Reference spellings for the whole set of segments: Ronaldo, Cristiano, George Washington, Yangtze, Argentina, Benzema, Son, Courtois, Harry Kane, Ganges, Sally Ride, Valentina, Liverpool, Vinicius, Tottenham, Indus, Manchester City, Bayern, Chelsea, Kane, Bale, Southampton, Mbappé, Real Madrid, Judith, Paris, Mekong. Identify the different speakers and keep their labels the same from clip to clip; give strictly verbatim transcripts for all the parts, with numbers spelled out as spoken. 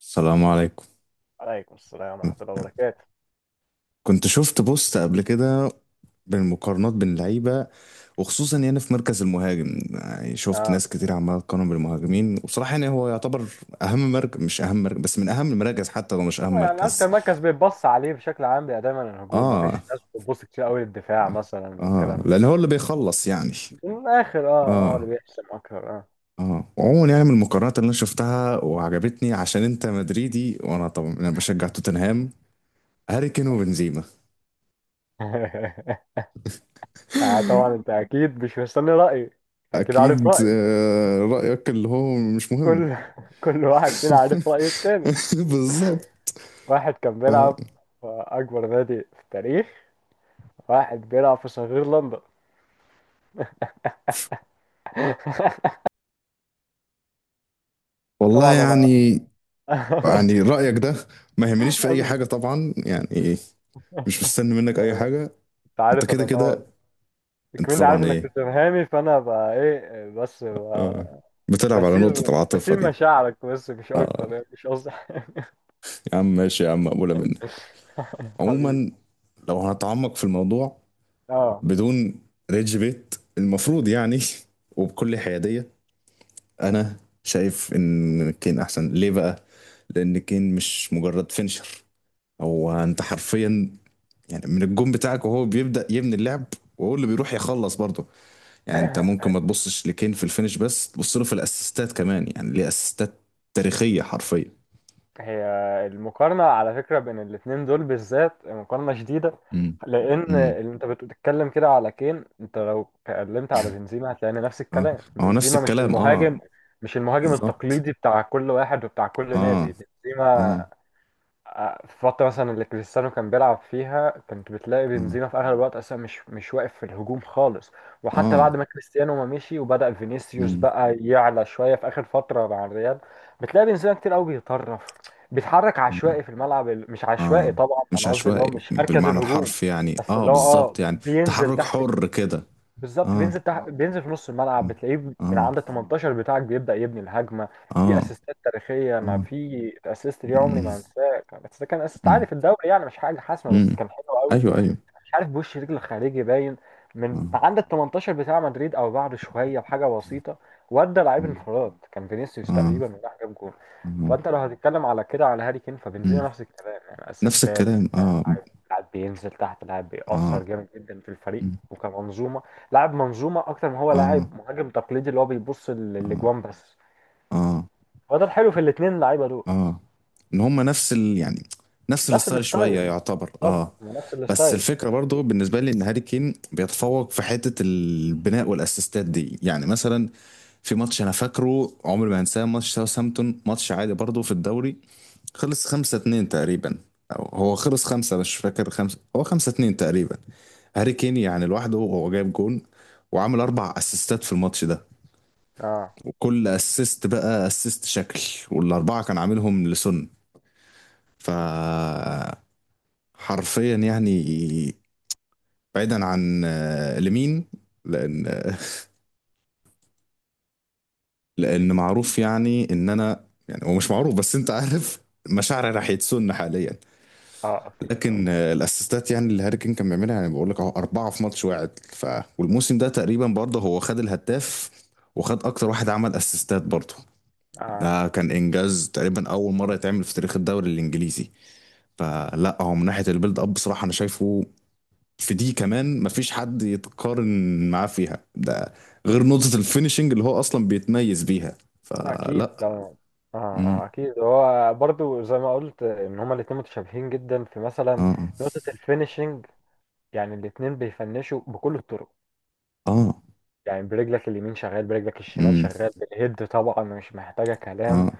Speaker 1: السلام عليكم.
Speaker 2: عليكم السلام ورحمة الله وبركاته.
Speaker 1: كنت شفت بوست قبل كده بالمقارنات بين اللعيبة، وخصوصا يعني في مركز المهاجم. يعني شفت
Speaker 2: اه
Speaker 1: ناس كتير عمالة تقارن بالمهاجمين، وبصراحة يعني هو يعتبر أهم مركز. مش أهم مركز، بس من أهم المراكز، حتى لو مش أهم
Speaker 2: هو يعني
Speaker 1: مركز.
Speaker 2: أكتر مركز بيتبص عليه بشكل عام بيبقى دايما الهجوم، مفيش
Speaker 1: آه.
Speaker 2: ناس بتبص كتير قوي للدفاع
Speaker 1: آه.
Speaker 2: مثلا
Speaker 1: آه،
Speaker 2: والكلام ده.
Speaker 1: لأن هو اللي بيخلص يعني.
Speaker 2: من الآخر اه هو اللي
Speaker 1: آه.
Speaker 2: بيحسم أكتر. اه.
Speaker 1: آه وعموما يعني من المقارنات اللي أنا شفتها وعجبتني، عشان أنت مدريدي، وأنا طبعا أنا بشجع توتنهام، هاري كين وبنزيما.
Speaker 2: يعني طبعا أنت أكيد مش مستني رأيي، أكيد عارف
Speaker 1: أكيد
Speaker 2: رأيي.
Speaker 1: آه، رأيك اللي هو مش
Speaker 2: كل
Speaker 1: مهم.
Speaker 2: كل واحد فينا عارف رأي التاني.
Speaker 1: بالظبط.
Speaker 2: واحد كان بيلعب في أكبر نادي في التاريخ، واحد بيلعب في صغير لندن.
Speaker 1: والله
Speaker 2: طبعا أنا.
Speaker 1: يعني. يعني رأيك ده ما يهمنيش في أي حاجة طبعا، يعني إيه. مش مستني منك أي حاجة.
Speaker 2: أنت
Speaker 1: أنت
Speaker 2: عارف
Speaker 1: كده
Speaker 2: أنا طبعا
Speaker 1: كده. أنت
Speaker 2: كمان عارف
Speaker 1: طبعا
Speaker 2: انك
Speaker 1: إيه.
Speaker 2: توتنهامي، فانا بقى ايه بس بقى.
Speaker 1: آه. بتلعب على نقطة
Speaker 2: بسير
Speaker 1: العاطفة
Speaker 2: بسير
Speaker 1: دي.
Speaker 2: مشاعرك بس مش
Speaker 1: آه.
Speaker 2: اكتر، يعني مش قصدي حاجة.
Speaker 1: يا عم ماشي، يا عم مقبولة منك.
Speaker 2: حبيبي.
Speaker 1: عموما، لو هنتعمق في الموضوع
Speaker 2: اه.
Speaker 1: بدون ريدج بيت المفروض يعني، وبكل حيادية، أنا شايف إن كين أحسن. ليه بقى؟ لأن كين مش مجرد فينشر، هو أنت حرفيا يعني من الجون بتاعك وهو بيبدأ يبني اللعب، وهو اللي بيروح يخلص برضه. يعني انت ممكن ما تبصش لكين في الفينش، بس تبص له في الاسيستات كمان. يعني ليه اسيستات تاريخية حرفيا.
Speaker 2: هي المقارنة على فكرة بين الاتنين دول بالذات مقارنة شديدة،
Speaker 1: امم.
Speaker 2: لأن
Speaker 1: امم.
Speaker 2: اللي أنت بتتكلم كده على كين، أنت لو اتكلمت على بنزيما هتلاقي نفس
Speaker 1: اه.
Speaker 2: الكلام.
Speaker 1: ما هو نفس
Speaker 2: بنزيما مش
Speaker 1: الكلام اه.
Speaker 2: المهاجم، مش المهاجم
Speaker 1: بالظبط.
Speaker 2: التقليدي بتاع كل واحد وبتاع كل
Speaker 1: اه.
Speaker 2: نادي.
Speaker 1: اه.
Speaker 2: بنزيما، آه، في الفترة مثلا اللي كريستيانو كان بيلعب فيها كنت بتلاقي
Speaker 1: اه.
Speaker 2: بنزيما في أغلب الوقت أصلا مش مش واقف في الهجوم خالص. وحتى
Speaker 1: اه.
Speaker 2: بعد ما كريستيانو ما مشي وبدأ فينيسيوس
Speaker 1: مم.
Speaker 2: بقى يعلى شوية في آخر فترة مع الريال، بتلاقي بنزيما كتير قوي بيطرف، بيتحرك
Speaker 1: اه.
Speaker 2: عشوائي في الملعب. ال- مش
Speaker 1: آه.
Speaker 2: عشوائي طبعا،
Speaker 1: مش
Speaker 2: أنا قصدي اللي هو
Speaker 1: عشوائي
Speaker 2: مش مركز
Speaker 1: بالمعنى
Speaker 2: الهجوم،
Speaker 1: الحرفي يعني،
Speaker 2: بس
Speaker 1: اه
Speaker 2: اللي هو اه
Speaker 1: بالظبط يعني.
Speaker 2: بينزل
Speaker 1: تحرك
Speaker 2: تحت.
Speaker 1: حر كده.
Speaker 2: بالظبط
Speaker 1: اه.
Speaker 2: بينزل تح... بينزل في نص
Speaker 1: اه.
Speaker 2: الملعب، بتلاقيه من
Speaker 1: اه.
Speaker 2: عند ال تمنتاشر بتاعك بيبدأ يبني الهجمة. في
Speaker 1: اه.
Speaker 2: اسيستات تاريخية، انا
Speaker 1: آه.
Speaker 2: في اسيست ليه عمري ما
Speaker 1: مم.
Speaker 2: هنساه. كان- بس ده كان اسيست
Speaker 1: مم.
Speaker 2: عادي في الدوري يعني، مش حاجة حاسمة،
Speaker 1: مم.
Speaker 2: بس كان حلو قوي.
Speaker 1: ايوه ايوه.
Speaker 2: مش عارف بوش رجل خارجي باين من
Speaker 1: اه.
Speaker 2: عند ال تمنتاشر بتاع مدريد او بعد شويه بحاجه بسيطه، ودى لعيب انفراد كان فينيسيوس
Speaker 1: اه.
Speaker 2: تقريبا، وراح جاب جول.
Speaker 1: اه.
Speaker 2: فانت لو هتتكلم على كده على هاري كين، فبنزيما
Speaker 1: مم.
Speaker 2: نفس الكلام، يعني
Speaker 1: نفس
Speaker 2: اسيستات.
Speaker 1: الكلام اه.
Speaker 2: لاعب لاعب بينزل تحت، لاعب بيأثر
Speaker 1: اه.
Speaker 2: جامد جدا في الفريق
Speaker 1: مم.
Speaker 2: وكمنظومه، لاعب منظومه اكتر ما هو
Speaker 1: اه.
Speaker 2: لاعب مهاجم تقليدي اللي هو بيبص لل-
Speaker 1: اه.
Speaker 2: للاجوان بس.
Speaker 1: اه.
Speaker 2: وده الحلو في الاثنين اللعيبه دول.
Speaker 1: اه. ان هم نفس ال يعني، نفس
Speaker 2: نفس
Speaker 1: الستايل شويه
Speaker 2: الستايل،
Speaker 1: يعتبر اه.
Speaker 2: بالظبط نفس
Speaker 1: بس
Speaker 2: الستايل.
Speaker 1: الفكره برضو بالنسبه لي ان هاري كين بيتفوق في حته البناء والاسيستات دي. يعني مثلا في ماتش انا فاكره عمري ما هنساه، ماتش ساوثهامبتون، ماتش عادي برضو في الدوري، خلص خمسة اتنين تقريبا، أو هو خلص خمسة، مش فاكر خمسة، هو خمسة اتنين تقريبا. هاري كين يعني لوحده هو جايب جون وعامل أربع أسيستات في الماتش ده،
Speaker 2: اه.
Speaker 1: وكل أسيست بقى أسيست شكل، والأربعة كان عاملهم لسون. ف حرفيا يعني بعيدا عن آه، لمين، لأن آه، لأن معروف يعني إن أنا يعني، هو مش معروف بس أنت عارف مشاعري راح يتسن حاليا.
Speaker 2: اه. اكيد
Speaker 1: لكن
Speaker 2: اه.
Speaker 1: آه، الاسيستات يعني اللي هاري كين كان بيعملها يعني، بقول لك اهو، اربعه في ماتش واحد. ف والموسم ده تقريبا برضه هو خد الهداف، وخد اكتر واحد عمل اسيستات برضه.
Speaker 2: اه.
Speaker 1: ده كان انجاز تقريبا اول مره يتعمل في تاريخ الدوري الانجليزي. فلا هو من ناحيه البيلد اب بصراحه انا شايفه في دي كمان مفيش حد يتقارن معاه فيها، ده غير نقطه الفينيشنج اللي هو اصلا بيتميز بيها.
Speaker 2: لا اكيد
Speaker 1: فلا.
Speaker 2: طبعا. اه. اه
Speaker 1: امم.
Speaker 2: اكيد. هو برضو زي ما قلت ان هما الاتنين متشابهين جدا في مثلا
Speaker 1: اه.
Speaker 2: نقطة الفينيشنج. يعني الاتنين بيفنشوا بكل الطرق.
Speaker 1: اه.
Speaker 2: يعني برجلك اليمين شغال، برجلك الشمال
Speaker 1: امم.
Speaker 2: شغال، بالهيد طبعا مش محتاجة كلام.
Speaker 1: اه.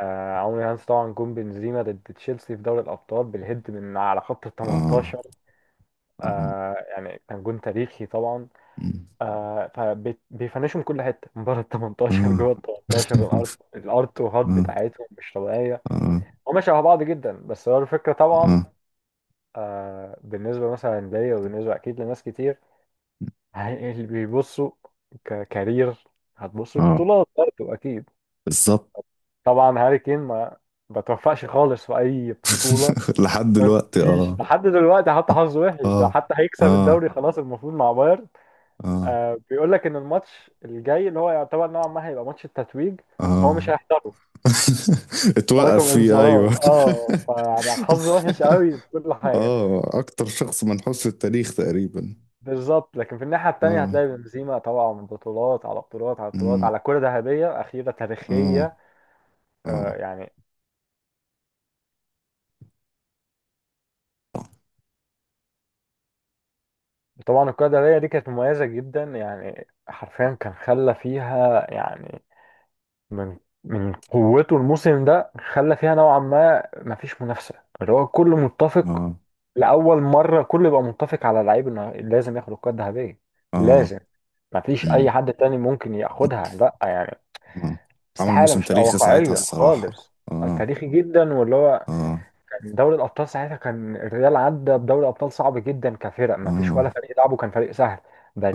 Speaker 2: آه عمرو هانس طبعا، جون بنزيما ضد تشيلسي في دوري الأبطال بالهيد من على خط ال
Speaker 1: اه.
Speaker 2: تمنتاشر.
Speaker 1: اه.
Speaker 2: آه يعني كان جون تاريخي طبعا.
Speaker 1: مم.
Speaker 2: آه فبيفنشوا من كل حتة، من بره ال تمنتاشر،
Speaker 1: اه.
Speaker 2: جوه ال تمنتاشر، الأرض الأرض وهات
Speaker 1: اه.
Speaker 2: بتاعتهم مش طبيعية.
Speaker 1: اه.
Speaker 2: هما شبه بعض جدا. بس هو الفكرة
Speaker 1: اه. اه. اه،
Speaker 2: طبعا،
Speaker 1: اه،
Speaker 2: آه بالنسبة مثلا ليا وبالنسبة أكيد لناس كتير، هي- اللي بيبصوا ككارير، هتبصوا
Speaker 1: اه،
Speaker 2: البطولات برضه أكيد.
Speaker 1: بالظبط.
Speaker 2: طبعا هاري كين ما بتوفقش خالص في أي بطولة،
Speaker 1: لحد دلوقتي
Speaker 2: مفيش
Speaker 1: اه.
Speaker 2: لحد دلوقتي. حتى حظه وحش
Speaker 1: اه.
Speaker 2: ده، حتى هيكسب
Speaker 1: اه.
Speaker 2: الدوري خلاص المفروض مع بايرن،
Speaker 1: اه.
Speaker 2: آه بيقول لك إن الماتش الجاي اللي هو يعتبر نوعا ما هيبقى ماتش التتويج، هو مش
Speaker 1: اه.
Speaker 2: هيحضره.
Speaker 1: اتوقف
Speaker 2: تراكم
Speaker 1: فيه
Speaker 2: انذارات
Speaker 1: ايوه.
Speaker 2: اه، فحظه وحش قوي في كل حاجة.
Speaker 1: اه اكتر شخص منحوس في التاريخ تقريبا.
Speaker 2: بالظبط. لكن في الناحية التانية
Speaker 1: اه.
Speaker 2: هتلاقي بنزيما طبعا، من بطولات على بطولات على بطولات،
Speaker 1: أمم.
Speaker 2: على كرة ذهبية أخيرة
Speaker 1: اه.
Speaker 2: تاريخية. آه
Speaker 1: اه.
Speaker 2: يعني طبعا الكرة الذهبية دي كانت مميزة جدا، يعني حرفيا كان خلى فيها يعني، من من قوته الموسم ده خلى فيها نوعا ما مفيش منافسة. اللي هو كله متفق،
Speaker 1: اه.
Speaker 2: لأول مرة كله يبقى متفق على لعيب إنه لازم ياخد الكرة الذهبية.
Speaker 1: اه.
Speaker 2: لازم، مفيش
Speaker 1: أمم.
Speaker 2: أي حد تاني ممكن ياخدها لأ يعني،
Speaker 1: اه عمل
Speaker 2: استحالة،
Speaker 1: موسم
Speaker 2: مش تبقى
Speaker 1: تاريخي ساعتها
Speaker 2: واقعية
Speaker 1: الصراحة.
Speaker 2: خالص.
Speaker 1: اه.
Speaker 2: تاريخي جدا، واللي هو
Speaker 1: اه.
Speaker 2: كان دوري الأبطال ساعتها، كان الريال عدى بدوري أبطال صعب جدا كفرق، ما فيش ولا
Speaker 1: اه.
Speaker 2: فريق لعبه كان فريق سهل.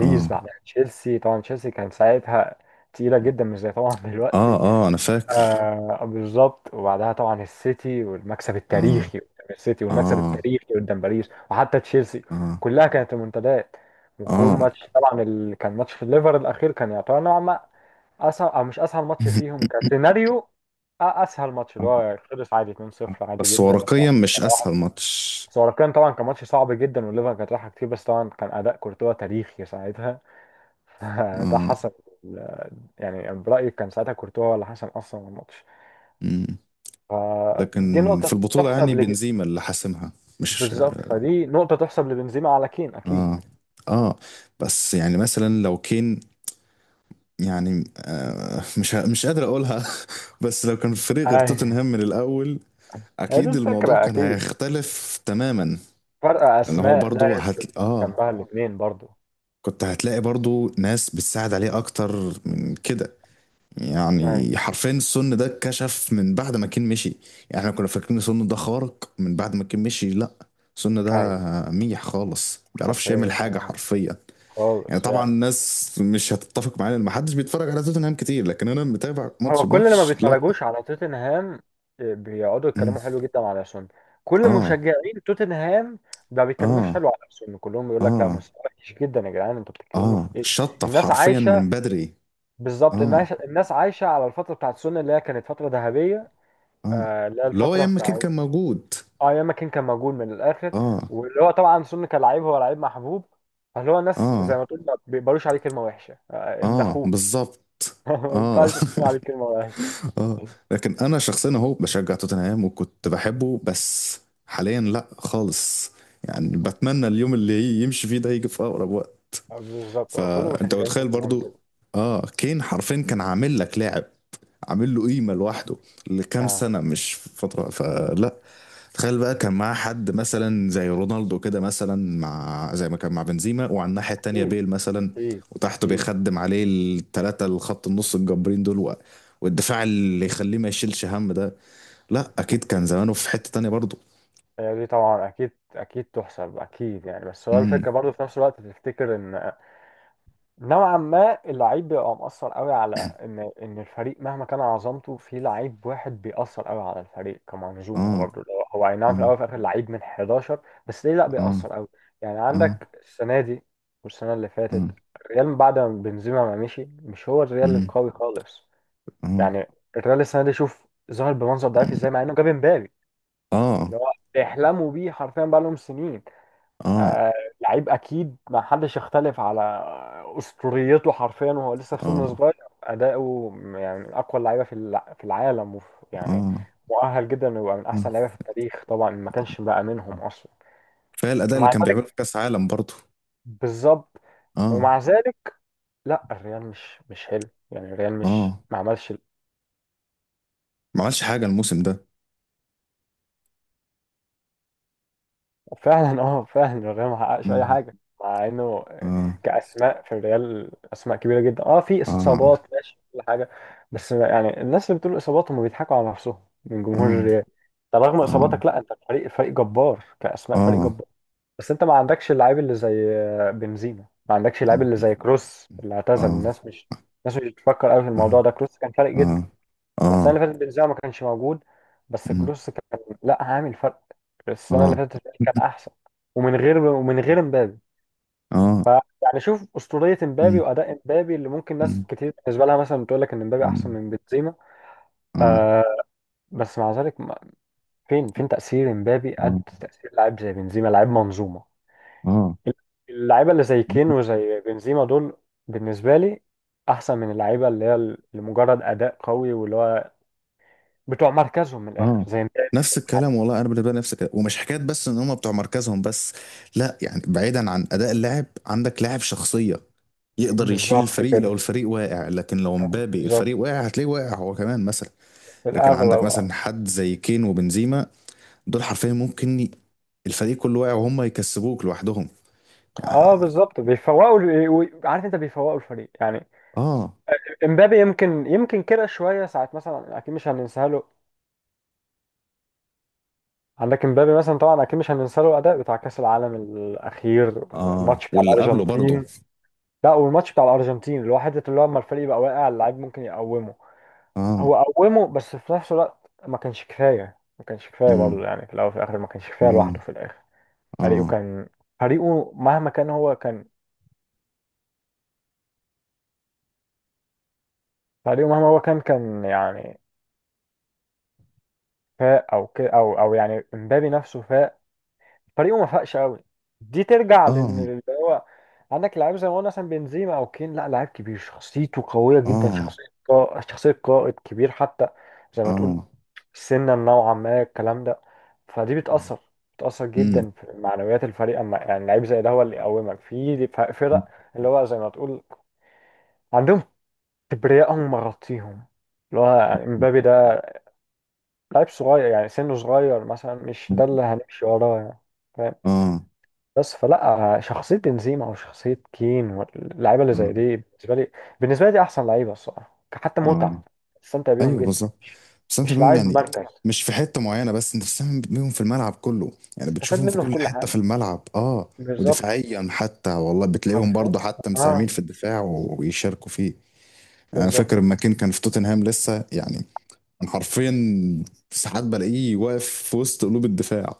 Speaker 1: اه. اه.
Speaker 2: بعد تشيلسي، طبعا تشيلسي كان ساعتها تقيلة جدا، مش زي طبعا
Speaker 1: اه.
Speaker 2: دلوقتي.
Speaker 1: اه، انا فاكر.
Speaker 2: آه بالظبط. وبعدها طبعا السيتي والمكسب
Speaker 1: اه.
Speaker 2: التاريخي قدام السيتي، والمكسب
Speaker 1: اه.
Speaker 2: التاريخي قدام باريس، وحتى تشيلسي،
Speaker 1: اه.
Speaker 2: كلها كانت ريمونتادات. والجون
Speaker 1: اه.
Speaker 2: ماتش طبعا اللي كان ماتش في الليفر الأخير كان يعتبر نوعا ما اصعب او مش اسهل ماتش فيهم كسيناريو. أ- اسهل ماتش
Speaker 1: آه.
Speaker 2: اللي هو خلص عادي اتنين صفر عادي
Speaker 1: بس
Speaker 2: جدا، ولا
Speaker 1: ورقيا مش اسهل
Speaker 2: واحد.
Speaker 1: ماتش.
Speaker 2: بس هو كان طبعا كان ماتش صعب جدا والليفر كانت رايحه كتير، بس طبعا كان اداء كورتوا تاريخي ساعتها. ده
Speaker 1: اه.
Speaker 2: حسم ال- يعني برايي كان ساعتها كورتوا هو اللي حسم اصلا الماتش.
Speaker 1: مم.
Speaker 2: دي
Speaker 1: لكن في
Speaker 2: نقطه
Speaker 1: البطولة يعني
Speaker 2: تحسب لج...
Speaker 1: بنزيما اللي حاسمها، مش.
Speaker 2: بالظبط، فدي نقطه تحسب لبنزيما على كين اكيد.
Speaker 1: اه. اه. بس يعني مثلا لو كين، يعني آه مش ه- مش قادر اقولها. بس لو كان في فريق غير
Speaker 2: أي-
Speaker 1: توتنهام من الاول،
Speaker 2: هي دي
Speaker 1: اكيد الموضوع
Speaker 2: الفكره
Speaker 1: كان
Speaker 2: اكيد،
Speaker 1: هيختلف تماما.
Speaker 2: فرق
Speaker 1: لان هو
Speaker 2: اسماء لا،
Speaker 1: برضو هت... اه
Speaker 2: جنبها الاثنين برضو.
Speaker 1: كنت هتلاقي برضو ناس بتساعد عليه اكتر من كده.
Speaker 2: ايوه
Speaker 1: يعني حرفيا السن ده اتكشف من بعد ما كين مشي. يعني احنا كنا فاكرين السن ده خارق، من بعد ما كين مشي لا، السن ده
Speaker 2: ايوه
Speaker 1: ميح خالص، ما بيعرفش يعمل
Speaker 2: حرفيا
Speaker 1: حاجة
Speaker 2: آه.
Speaker 1: حرفيا. يعني
Speaker 2: خالص
Speaker 1: طبعا
Speaker 2: يعني.
Speaker 1: الناس مش هتتفق معايا ان محدش بيتفرج على توتنهام كتير، لكن انا متابع ماتش
Speaker 2: هو كل اللي ما
Speaker 1: ماتش لا.
Speaker 2: بيتفرجوش على توتنهام، آه، بيقعدوا
Speaker 1: مم.
Speaker 2: يتكلموا حلو جدا على سون. كل
Speaker 1: اه.
Speaker 2: مشجعين توتنهام ما بيتكلموش
Speaker 1: اه.
Speaker 2: حلو على سون، كلهم بيقول لك لا
Speaker 1: اه.
Speaker 2: مستوى وحش جدا يا جدعان، انتوا بتتكلموا في
Speaker 1: اه
Speaker 2: ايه.
Speaker 1: شطف
Speaker 2: الناس
Speaker 1: حرفيا
Speaker 2: عايشه،
Speaker 1: من بدري.
Speaker 2: بالظبط الناس
Speaker 1: اه.
Speaker 2: الناس عايشه على الفتره بتاعت سون اللي هي كانت فتره ذهبيه.
Speaker 1: اه.
Speaker 2: آه، اللي هي
Speaker 1: اللي هو
Speaker 2: الفتره
Speaker 1: ياما كين
Speaker 2: بتاعت،
Speaker 1: كان موجود.
Speaker 2: اه ايام ما كان كان موجود من الاخر.
Speaker 1: اه.
Speaker 2: واللي هو طبعا سون كان لعيب، هو لعيب محبوب، فاللي هو الناس زي
Speaker 1: اه.
Speaker 2: ما تقول ما بيقبلوش عليه كلمه وحشه، آه ابن
Speaker 1: اه
Speaker 2: اخوه.
Speaker 1: بالظبط.
Speaker 2: ما
Speaker 1: اه.
Speaker 2: ينفعش تقول عليه كلمه وحشه.
Speaker 1: اه. لكن انا شخصيا اهو بشجع توتنهام وكنت بحبه، بس حاليا لا خالص. يعني بتمنى اليوم اللي يمشي فيه ده يجي في اقرب وقت.
Speaker 2: بالظبط، هو كل
Speaker 1: فانت
Speaker 2: مشجعين
Speaker 1: متخيل
Speaker 2: توتنهام
Speaker 1: برضو
Speaker 2: كده.
Speaker 1: اه، كين حرفيا كان عامل لك لاعب، عامل له قيمة لوحده لكام
Speaker 2: آه.
Speaker 1: سنة مش فترة. فلا، تخيل بقى كان معاه حد مثلا زي رونالدو كده مثلا، مع زي ما كان مع بنزيما، وعلى الناحية التانية
Speaker 2: أكيد،
Speaker 1: بيل مثلا،
Speaker 2: أكيد.
Speaker 1: وتحته
Speaker 2: أكيد.
Speaker 1: بيخدم عليه التلاتة، الخط النص الجبارين دول، و- والدفاع اللي يخليه ما يشيلش هم ده، لا أكيد
Speaker 2: أكيد
Speaker 1: كان زمانه في
Speaker 2: أكيد.
Speaker 1: حتة تانية برضه.
Speaker 2: هي دي طبعا أكيد أكيد تحسب أكيد يعني. بس هو
Speaker 1: امم.
Speaker 2: الفكرة برضه في نفس الوقت تفتكر إن نوعا ما اللعيب بيبقى مؤثر قوي، على إن إن الفريق مهما كان عظمته في لعيب واحد بيأثر قوي على الفريق كمنظومة
Speaker 1: اه.
Speaker 2: برضه. اللي هو هو أي نعم في
Speaker 1: اه.
Speaker 2: الأول وفي الآخر لعيب من حداشر، بس ليه لأ،
Speaker 1: اه.
Speaker 2: بيأثر قوي. يعني
Speaker 1: اه.
Speaker 2: عندك السنة دي والسنة اللي
Speaker 1: اه.
Speaker 2: فاتت، الريال بعد ما بنزيما ما مشي مش هو الريال
Speaker 1: امم.
Speaker 2: القوي خالص.
Speaker 1: اه.
Speaker 2: يعني الريال السنه دي، شوف ظهر بمنظر ضعيف ازاي مع انه جاب امبابي
Speaker 1: اه.
Speaker 2: اللي هو بيحلموا بيه حرفيا بقى لهم سنين.
Speaker 1: اه.
Speaker 2: لعيب اكيد ما حدش يختلف على اسطوريته حرفيا، وهو لسه في
Speaker 1: اه.
Speaker 2: سن صغير، اداؤه يعني من اقوى اللعيبه في الع- في العالم. وف يعني
Speaker 1: اه.
Speaker 2: مؤهل جدا انه يبقى من
Speaker 1: اه
Speaker 2: احسن لعيبه في التاريخ، طبعا ما كانش بقى منهم اصلا.
Speaker 1: كفاية الأداء اللي
Speaker 2: ومع
Speaker 1: كان بيعمله في
Speaker 2: ذلك،
Speaker 1: كأس عالم برضه.
Speaker 2: بالظبط
Speaker 1: اه.
Speaker 2: ومع ذلك لا الريال مش مش حلو يعني، الريال مش
Speaker 1: اه
Speaker 2: ما عملش.
Speaker 1: ما عملش حاجة الموسم ده.
Speaker 2: فعلا اه، فعلا الريال ما حققش اي
Speaker 1: امم.
Speaker 2: حاجه، مع انه
Speaker 1: اه.
Speaker 2: كاسماء في الريال اسماء كبيره جدا. اه في
Speaker 1: آه.
Speaker 2: اصابات ماشي كل حاجه، بس يعني الناس اللي بتقول اصابات هم بيضحكوا على نفسهم من جمهور
Speaker 1: آه.
Speaker 2: الريال. طب رغم
Speaker 1: آه.
Speaker 2: اصاباتك، لا انت فريق فريق جبار كاسماء، فريق
Speaker 1: آه.
Speaker 2: جبار، بس انت ما عندكش اللعيب اللي زي بنزيما، ما عندكش اللعيب اللي
Speaker 1: مم.
Speaker 2: زي كروس اللي اعتزل.
Speaker 1: آه.
Speaker 2: الناس مش الناس مش بتفكر قوي في الموضوع
Speaker 1: آه.
Speaker 2: ده. كروس كان فارق جدا،
Speaker 1: آه.
Speaker 2: لا السنه
Speaker 1: آه.
Speaker 2: اللي فاتت بنزيما ما كانش موجود بس
Speaker 1: مم.
Speaker 2: كروس كان لا عامل فرق السنه اللي
Speaker 1: آه.
Speaker 2: فاتت، كان احسن. ومن غير ومن غير امبابي
Speaker 1: آه.
Speaker 2: ف يعني شوف اسطوريه امبابي
Speaker 1: مم.
Speaker 2: واداء امبابي، اللي ممكن ناس
Speaker 1: مم.
Speaker 2: كتير بالنسبه لها مثلا بتقول لك ان امبابي احسن
Speaker 1: مم.
Speaker 2: من بنزيما.
Speaker 1: آه.
Speaker 2: آه بس مع ذلك ما- فين فين تاثير امبابي
Speaker 1: آه.
Speaker 2: قد تاثير لاعب زي بنزيما، لاعب منظومه.
Speaker 1: آه.
Speaker 2: اللعيبه اللي زي كين وزي بنزيما دول بالنسبه لي احسن من اللعيبه اللي هي لمجرد اداء قوي، واللي هو بتوع مركزهم من الاخر
Speaker 1: آه.
Speaker 2: زي مبابي، زي
Speaker 1: نفس
Speaker 2: مش.
Speaker 1: الكلام والله، أنا بالنسبة لي نفس الكلام، ومش حكاية بس إن هم بتوع مركزهم بس. لا يعني، بعيدا عن أداء اللاعب، عندك لاعب شخصية يقدر يشيل
Speaker 2: بالظبط
Speaker 1: الفريق لو
Speaker 2: كده،
Speaker 1: الفريق واقع. لكن لو
Speaker 2: آه،
Speaker 1: مبابي،
Speaker 2: بالظبط
Speaker 1: الفريق واقع هتلاقيه واقع هو كمان مثلا.
Speaker 2: في
Speaker 1: لكن عندك
Speaker 2: الاغلب اه.
Speaker 1: مثلا حد زي كين وبنزيما، دول حرفيا ممكن ي- الفريق كله واقع وهم يكسبوك لوحدهم.
Speaker 2: اه
Speaker 1: يعني-
Speaker 2: بالظبط بيفوقوا ال- و- عارف انت بيفوقوا الفريق يعني.
Speaker 1: اه.
Speaker 2: امبابي يمكن يمكن كده شويه ساعات مثلا، اكيد مش هننساه له. عندك امبابي مثلا طبعا اكيد مش هننساه له الاداء بتاع كاس العالم الاخير،
Speaker 1: اه
Speaker 2: الماتش بتاع
Speaker 1: واللي قبله برضه.
Speaker 2: الارجنتين. لا والماتش بتاع الارجنتين اللي هو حته اللي هو اما الفريق يبقى واقع، اللاعب ممكن يقومه،
Speaker 1: اه.
Speaker 2: هو قومه. بس في نفس الوقت ما كانش كفايه، ما كانش كفايه
Speaker 1: امم.
Speaker 2: برضه، يعني في الاول وفي الاخر ما كانش كفايه
Speaker 1: اه.
Speaker 2: لوحده في الاخر. فريقه
Speaker 1: اه.
Speaker 2: كان، فريقه مهما كان هو كان، فريقه مهما هو كان كان يعني فاق او كده او او، يعني امبابي نفسه فاق فريقه ما فاقش قوي. دي ترجع لان
Speaker 1: اه.
Speaker 2: اللي هو عندك لعيب زي ما قلنا مثلا بنزيما او كين، لا لعيب كبير، شخصيته قويه جدا،
Speaker 1: اه.
Speaker 2: شخصيه قا- شخصيه قائد كبير حتى، زي ما تقول
Speaker 1: اه.
Speaker 2: سنا نوعا ما الكلام ده. فدي بتاثر بتاثر
Speaker 1: امم.
Speaker 2: جدا في معنويات الفريق، اما يعني لعيب زي ده هو اللي يقومك في ف- فرق. اللي هو زي ما تقول عندهم كبرياء هم مغطيهم، اللي هو امبابي ده لعيب صغير، يعني سنه صغير مثلا، مش ده اللي هنمشي وراه يعني. فاهم.
Speaker 1: اه.
Speaker 2: بس فلا شخصية بنزيما أو شخصية كين واللعيبة اللي زي
Speaker 1: اه.
Speaker 2: دي بالنسبة لي، بالنسبة لي دي أحسن لعيبة الصراحة. حتى
Speaker 1: اه.
Speaker 2: متعة، استمتع بيهم
Speaker 1: ايوه
Speaker 2: جدا،
Speaker 1: بالظبط.
Speaker 2: مش
Speaker 1: بس انت
Speaker 2: مش
Speaker 1: بيهم
Speaker 2: لعيب
Speaker 1: يعني
Speaker 2: مركز.
Speaker 1: مش في حته معينه، بس انت بتساهم بيهم في الملعب كله، يعني
Speaker 2: استفاد
Speaker 1: بتشوفهم في
Speaker 2: منه في
Speaker 1: كل
Speaker 2: كل
Speaker 1: حته
Speaker 2: حاجة،
Speaker 1: في الملعب اه.
Speaker 2: بالظبط
Speaker 1: ودفاعيا حتى والله بتلاقيهم
Speaker 2: حرفيا
Speaker 1: برضه حتى مساهمين
Speaker 2: اه
Speaker 1: في الدفاع ويشاركوا فيه. انا
Speaker 2: بالظبط.
Speaker 1: فاكر لما كين كان في توتنهام لسه يعني، كان حرفيا ساعات بلاقيه واقف في وسط قلوب الدفاع،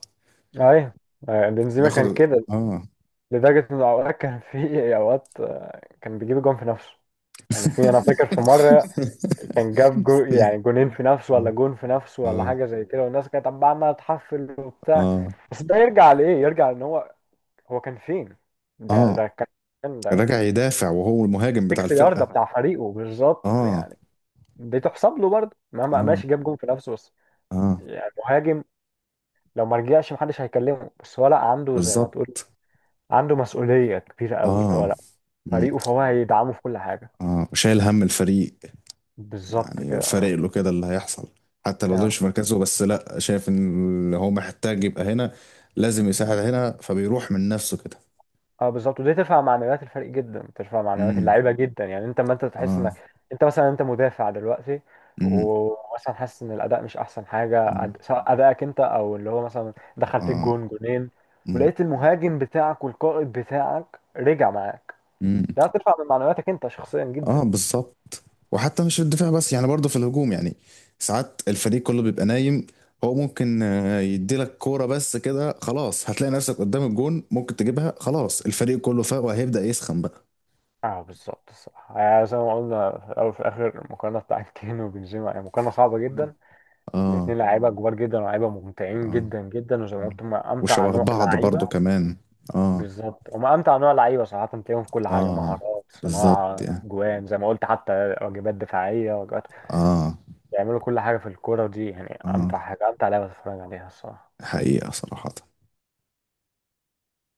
Speaker 2: أيوه آه، بنزيما
Speaker 1: بياخد.
Speaker 2: كان كده،
Speaker 1: اه.
Speaker 2: لدرجة إن أوقات كان، في أوقات آه، كان بيجيب جون في نفسه. يعني في، أنا فاكر في مرة كان جاب جو يعني جونين في نفسه، ولا جون في نفسه
Speaker 1: اه.
Speaker 2: ولا
Speaker 1: اه.
Speaker 2: حاجه زي كده، والناس كانت عماله عمالة تحفل وبتاع.
Speaker 1: اه.
Speaker 2: بس ده يرجع لايه؟ يرجع ان هو، هو كان فين؟ ده
Speaker 1: اه
Speaker 2: ده كان ده
Speaker 1: راجع يدافع وهو المهاجم بتاع
Speaker 2: ستة يارده
Speaker 1: الفرقة.
Speaker 2: بتاع فريقه بالظبط
Speaker 1: اه.
Speaker 2: يعني. دي تحسب له برضه، مهما
Speaker 1: اه.
Speaker 2: ماشي جاب جون في نفسه بس،
Speaker 1: اه
Speaker 2: يعني مهاجم لو ما رجعش محدش هيكلمه. بس هو لا عنده زي ما تقول،
Speaker 1: بالظبط.
Speaker 2: عنده مسؤوليه كبيره قوي، اللي هو
Speaker 1: اه.
Speaker 2: لا
Speaker 1: مم.
Speaker 2: فريقه، فهو هيدعمه في كل حاجه.
Speaker 1: اه وشايل هم الفريق.
Speaker 2: بالظبط
Speaker 1: يعني فارق
Speaker 2: كده.
Speaker 1: له كده اللي هيحصل. حتى لو ده
Speaker 2: اه،
Speaker 1: مش مركزه، بس لا شايف ان هو محتاج يبقى هنا، لازم يساعد هنا، فبيروح من نفسه كده.
Speaker 2: اه بالظبط. ودي ترفع معنويات الفريق جدا، ترفع معنويات
Speaker 1: امم.
Speaker 2: اللعيبه جدا. يعني انت لما انت تحس
Speaker 1: اه.
Speaker 2: انك، انت مثلا انت مدافع دلوقتي،
Speaker 1: امم.
Speaker 2: ومثلا حاسس ان الاداء مش احسن حاجه،
Speaker 1: أمم.
Speaker 2: أد- سواء ادائك انت او اللي هو مثلا دخل فيك
Speaker 1: اه.
Speaker 2: جون جونين،
Speaker 1: امم.
Speaker 2: ولقيت المهاجم بتاعك والقائد بتاعك رجع معاك،
Speaker 1: أمم.
Speaker 2: ده هترفع من معنوياتك انت شخصيا جدا.
Speaker 1: اه بالظبط. وحتى مش في الدفاع بس يعني، برضه في الهجوم يعني، ساعات الفريق كله بيبقى نايم، هو ممكن آه، يديلك كورة بس كده، خلاص هتلاقي نفسك قدام الجون، ممكن تجيبها، خلاص الفريق كله فاق وهيبدأ يسخن بقى.
Speaker 2: اه بالظبط الصراحه. يعني زي ما قلنا في الاول وفي الاخر، المقارنه بتاعت كين وبنزيما يعني مقارنه صعبه جدا،
Speaker 1: اه.
Speaker 2: الاثنين لعيبه كبار جدا، ولاعيبه ممتعين
Speaker 1: اه.
Speaker 2: جدا جدا. وزي ما
Speaker 1: مم.
Speaker 2: قلت هم امتع
Speaker 1: وشبه
Speaker 2: نوع
Speaker 1: بعض برضو
Speaker 2: لعيبه،
Speaker 1: كمان. اه.
Speaker 2: بالظبط هم امتع نوع لعيبه صراحه. تلاقيهم في كل حاجه،
Speaker 1: اه
Speaker 2: مهارات،
Speaker 1: بالظبط
Speaker 2: صناعه
Speaker 1: يعني.
Speaker 2: جوان زي ما قلت، حتى واجبات دفاعيه، واجبات،
Speaker 1: اه.
Speaker 2: بيعملوا كل حاجه في الكوره دي. يعني
Speaker 1: اه.
Speaker 2: امتع حاجه، امتع لعبه تتفرج عليها الصراحه.
Speaker 1: حقيقة صراحة.